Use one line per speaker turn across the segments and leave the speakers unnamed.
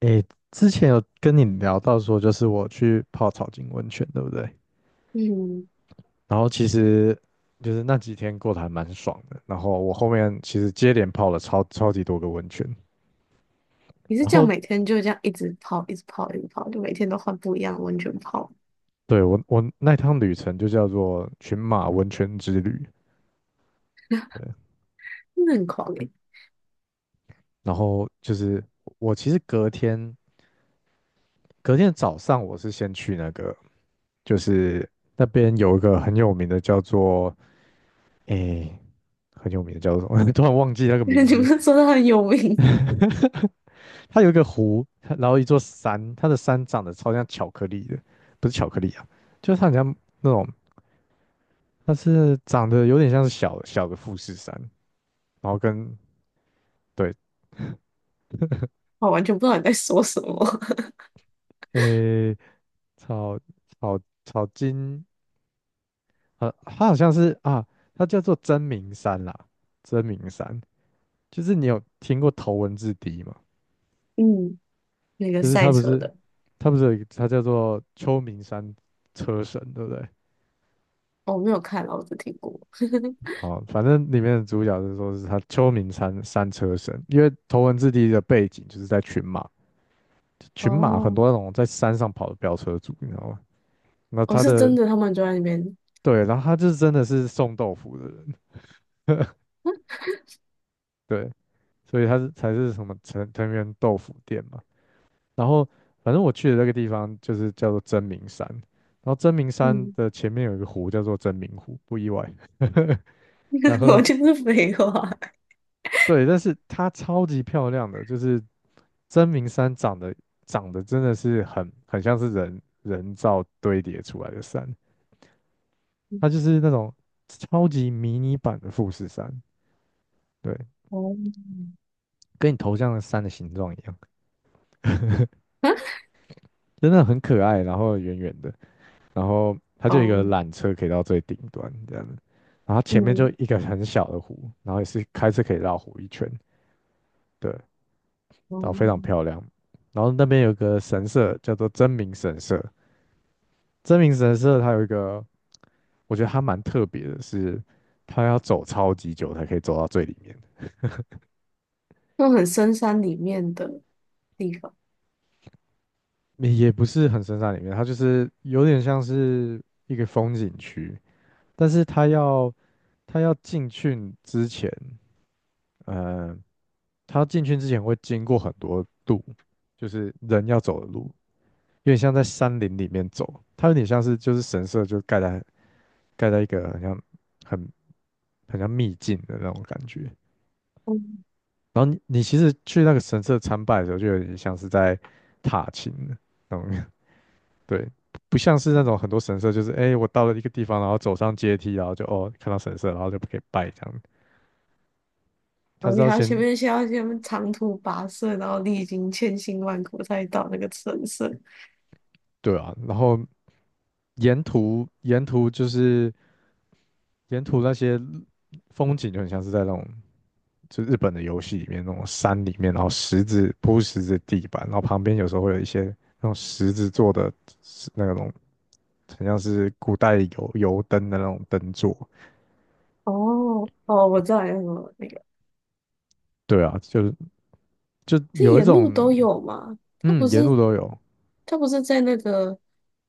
诶，之前有跟你聊到说，就是我去泡草金温泉，对不对？
嗯，
然后其实就是那几天过得还蛮爽的。然后我后面其实接连泡了超级多个温泉。
你是
然
这样
后
每天就这样一直泡，一直泡，一直泡，就每天都换不一样的温泉泡，
对我那趟旅程就叫做群马温泉之旅。对，
真的很狂诶、
然后就是我其实隔天早上我是先去那个，就是那边有一个很有名的叫做诶，很有名的叫做什么？突然忘记那 个名
你不
字。
是说它很有名？
它有一个湖，它然后一座山，它的山长得超像巧克力的，不是巧克力啊，就是它很像那种，它是长得有点像是小小的富士山，然后跟对，
我完全不知道你在说什么。
诶、草草草金，它好像是啊，它叫做真名山啦，真名山，就是你有听过头文字 D 吗？
嗯，那个
就是它
赛
不
车
是，
的，
它不是有一个，它叫做秋名山车神，对不对？
哦我没有看啊，我只听过。
好，反正里面的主角是说是他秋名山山车神，因为头文字 D 的背景就是在群马，群马很
哦，
多那种在山上跑的飙车族，你知道吗？那
我
他
是真
的
的，他们就在那边。
对，然后他就是真的是送豆腐的人，对，所以他是才是什么藤原豆腐店嘛。然后反正我去的那个地方就是叫做真名山，然后真名山
嗯，
的前面有一个湖叫做真名湖，不意外。然 后
我就是废话。
对，但是它超级漂亮的，就是真名山长得长得真的是很像是人造堆叠出来的山，它就是那种超级迷你版的富士山，对，
哦，
跟你头像的山的形状一样，真的很可爱，然后圆圆的，然后它
啊，
就有一个
哦，
缆车可以到最顶端这样子，然后前面就
嗯，
一个很小的湖，然后也是开车可以绕湖一圈，对，然后
哦，
非常漂亮，然后那边有个神社叫做真名神社。真名神社它有一个，我觉得它蛮特别的是，它要走超级久才可以走到最里面，
那种很深山里面的地方。
也不是很深山里面，它就是有点像是一个风景区，但是它要进去之前，呃，它进去之前会经过很多路，就是人要走的路，有点像在山林里面走，它有点像是就是神社就盖在一个很像很很像秘境的那种感觉。
嗯
然后你其实去那个神社参拜的时候，就有点像是在踏青的那种，对，不像是那种很多神社就是，哎，我到了一个地方，然后走上阶梯，然后就哦看到神社，然后就可以拜这样。他
哦，
是
你
要
还要前
先
面先要先长途跋涉，然后历经千辛万苦才到那个神社。
对啊，然后沿途沿途就是沿途那些风景就很像是在那种就日本的游戏里面那种山里面，然后石子铺石子地板，然后旁边有时候会有一些那种石子做的那种很像是古代油灯的那种灯座。
哦哦，我知道有什么那个，
对啊，就是就
这
有一
沿路
种，
都有嘛？他不
嗯，沿路
是
都有，
他不是在那个，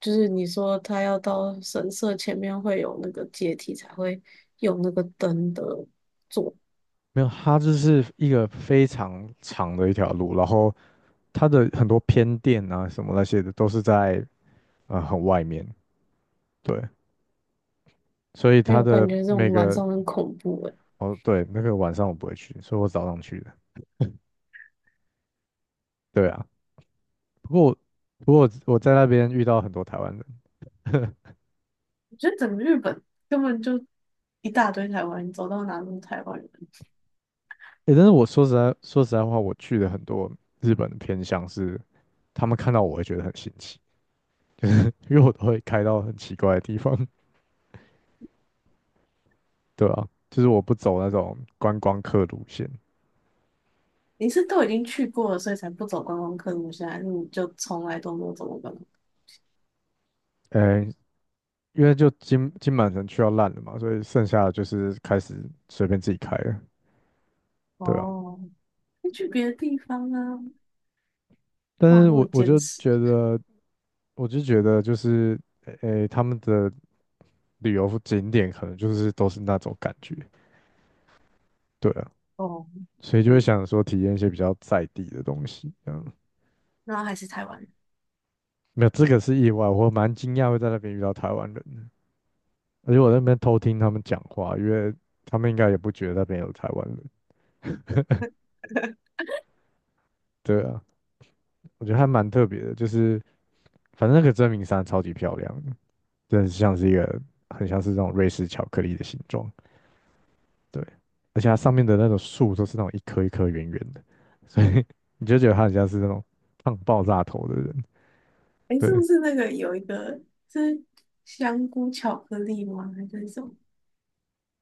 就是你说他要到神社前面会有那个阶梯才会有那个灯的座，
没有，它就是一个非常长的一条路，然后它的很多偏店啊什么那些的都是在很外面，对，所以
还
它
有
的
感觉这种
每
晚
个
上很恐怖诶。
哦对，那个晚上我不会去，所以我早上去的，对啊，不过我不过我在那边遇到很多台湾人，
我觉得整个日本根本就一大堆台湾人，走到哪都是台湾人。
诶，但是我说实在话，我去的很多日本的偏向是他们看到我会觉得很新奇。因为我都会开到很奇怪的地方，对啊，就是我不走那种观光客路线，
你是都已经去过了，所以才不走观光客路线，还是你就从来都没有走过观光客？
呃，因为就金满城去到烂了嘛，所以剩下的就是开始随便自己开了，对啊，
哦，那去别的地方啊，
但
哇，这
是我
么
我
坚
就
持，
觉得，我就觉得就是，诶，他们的旅游景点可能就是都是那种感觉，对啊，
哦，
所以就会
嗯，
想说体验一些比较在地的东西，嗯，
然后还是台湾人，
没有，这个是意外，我蛮惊讶会在那边遇到台湾人的，而且我在那边偷听他们讲话，因为他们应该也不觉得那边有台湾人。对啊，我觉得还蛮特别的，就是反正那个真名山超级漂亮的真的像是一个很像是那种瑞士巧克力的形状。对，而且它上面的那种树都是那种一颗一颗圆圆的，所以 你就觉得它很像是那种胖爆炸头的人。
诶，是
对，
不是那个有一个是香菇巧克力吗？还是什么？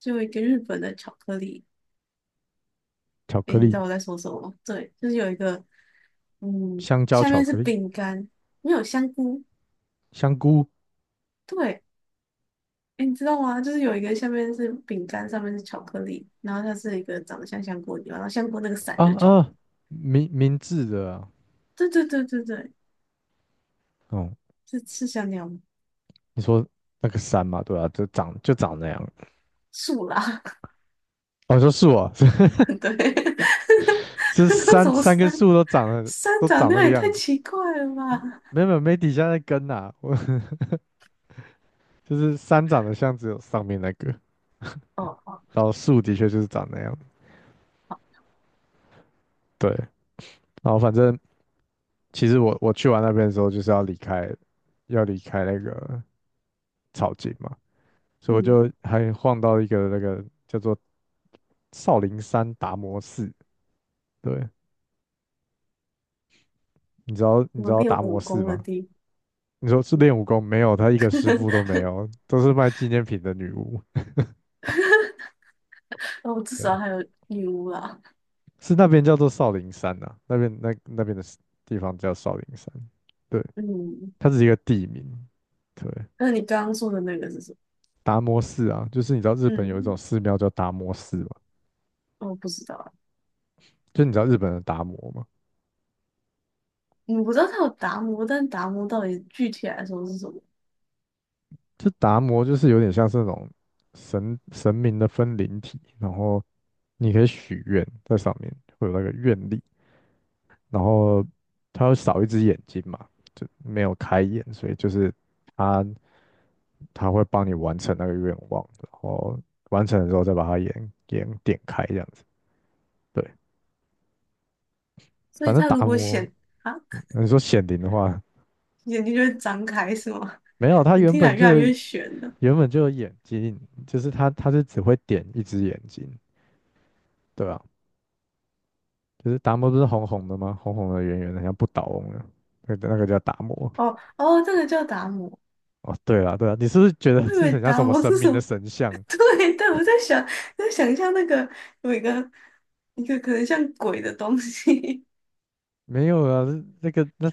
就有一个日本的巧克力，
巧
诶，
克
你知
力、
道我在说什么吗？对，就是有一个，嗯，
香蕉、
下
巧
面是
克力、
饼干，没有香菇，
香菇
对，哎，你知道吗？就是有一个下面是饼干，上面是巧克力，然后它是一个长得像香锅的地方然后香锅那个伞
啊
就是巧克
啊，明治的啊，
力对对对对对，
哦、
是是香料吗？
你说那个山嘛，对啊，就长就长那样。
树啦，
我说树啊，这
对，
这
那
三
什么
三棵
山
树都长得
山
都
长
长
那
那
样
个
也太
样子，
奇怪了吧？
没有没有没底下那根呐、我 就是山长得像只有上面那个，
哦哦，
然后树的确就是长那样，对，然后反正其实我去完那边的时候就是要离开，要离开那个草津嘛，所以我
嗯，
就还晃到一个那个叫做少林山达摩寺，对，你知道你知
我
道
练
达
武
摩寺
功的
吗？
地方，
你说是练武功没有？他一个师傅都没有，都是卖纪念品的女巫。
哦，至
对
少
啊
还有女巫啦。
是那边叫做少林山呐、那边那边的 地方叫少林山，对，
嗯，
它只是一个地名。对，
那你刚刚说的那个是什么？
达摩寺啊，就是你知道日本有一种
嗯，
寺庙叫达摩寺嘛，
我不知道啊，
就你知道日本的达摩嘛，
嗯我不知道它有达摩，但达摩到底具体来说是什么？
就达摩就是有点像是那种神明的分灵体，然后你可以许愿在上面会有那个愿力，然后它会少一只眼睛嘛，就没有开眼，所以就是它他会帮你完成那个愿望，然后完成的时候再把它眼点开这样子。对，
所以
反正
它
达
如果
摩，
显啊，
你说显灵的话，
眼睛就会张开是吗？
没有，他
你
原
听起来
本
越来
就有
越悬了。
眼睛，就是他是只会点一只眼睛，对啊，就是达摩不是红红的吗？红红的圆圆的，像不倒翁的，那个叫达摩。
哦哦，这个叫达摩，
哦，对了对了，你是不是觉
我
得
以
是
为
很像
达
什么
摩
神
是
明
什
的
么？
神像？
对对，我在想，在想象那个有一个一个可能像鬼的东西。
没有啊，那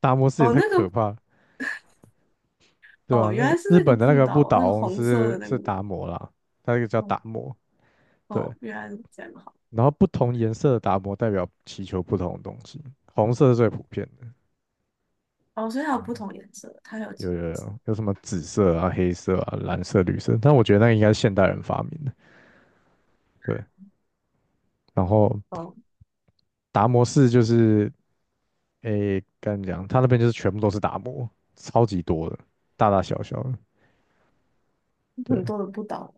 达摩 寺也
哦，
太
那
可
个
怕，对啊，
哦，
那
原
个
来是
日
那个
本的那
不
个不
倒翁那
倒
个
翁
红色
是
的那个
是
不倒
达摩啦，它那个叫
翁哦
达摩。对，
哦，原来是这样好。
然后不同颜色的达摩代表祈求不同的东西，红色是最普遍的。
哦，所以它有
嗯，
不同颜色，它有
有有有，有什么紫色啊、黑色啊、蓝色、绿色，但我觉得那个应该是现代人发明的。对，然后
哦
达摩寺就是，诶，跟你讲，他那边就是全部都是达摩，超级多的，大大小小的，
很
对，
多的不倒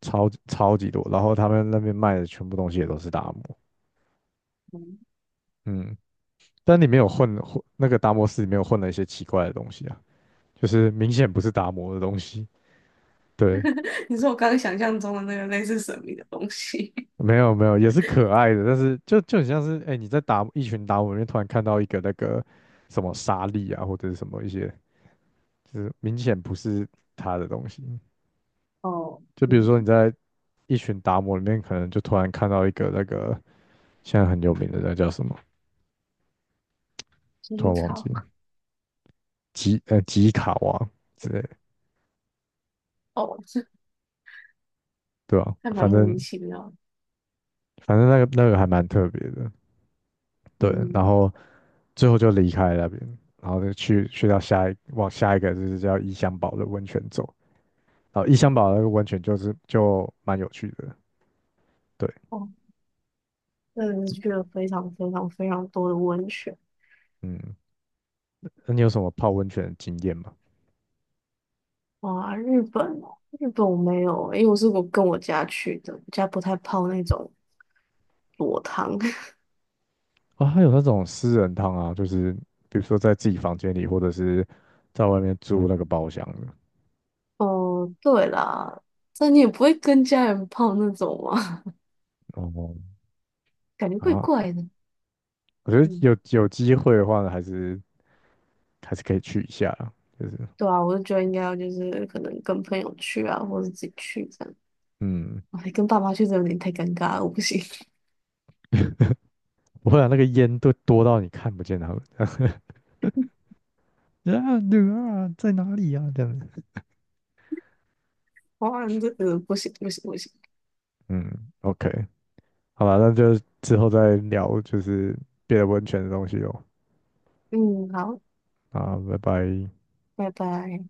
超级多。然后他们那边卖的全部东西也都是达摩。
翁嗯，
嗯，但里面有混那个达摩寺里面有混了一些奇怪的东西啊，就是明显不是达摩的东西。对，
你说我刚刚想象中的那个类似神秘的东西。
没有没有，也是可爱的，但是就很像是哎、你在达一群达摩里面突然看到一个那个什么沙粒啊，或者是什么一些，就是明显不是他的东西。
哦，
就比如
嗯。
说你在一群达摩里面，可能就突然看到一个那个现在很有名的那叫什么，突
机
然忘记
常
了吉卡王之类的
哦，这
对吧、
还蛮
反
莫
正
名其妙的。
反正那个那个还蛮特别的。对，然
嗯，
后最后就离开了那边，然后就去到往下一个就是叫伊香堡的温泉走，然后伊香堡那个温泉就是就蛮有趣的，对，
哦，真的是去了非常非常非常多的温泉。
嗯，那你有什么泡温泉的经验吗？
哇，日本哦，日本我没有欸，因为我是我跟我家去的，我家不太泡那种裸汤。
啊、还有那种私人汤啊，就是比如说在自己房间里，或者是在外面租那个包厢的。
哦，对啦，但你也不会跟家人泡那种嘛，
哦，
感觉怪
啊，
怪的。
我觉得
嗯，
有机会的话呢，还是可以去一下啦就是
对啊，我就觉得应该要就是可能跟朋友去啊，或者自己去这样。
嗯，
哇，跟爸妈去真的有点太尴尬了，我不行。
不会啊，那个烟都多到你看不见它们。啊，女儿啊，在哪里啊？这样子，
哇，这个不行不行不行。
嗯，OK，好吧，那就之后再聊，就是别的温泉的东西哦。
嗯，好。
啊，拜拜。
拜拜。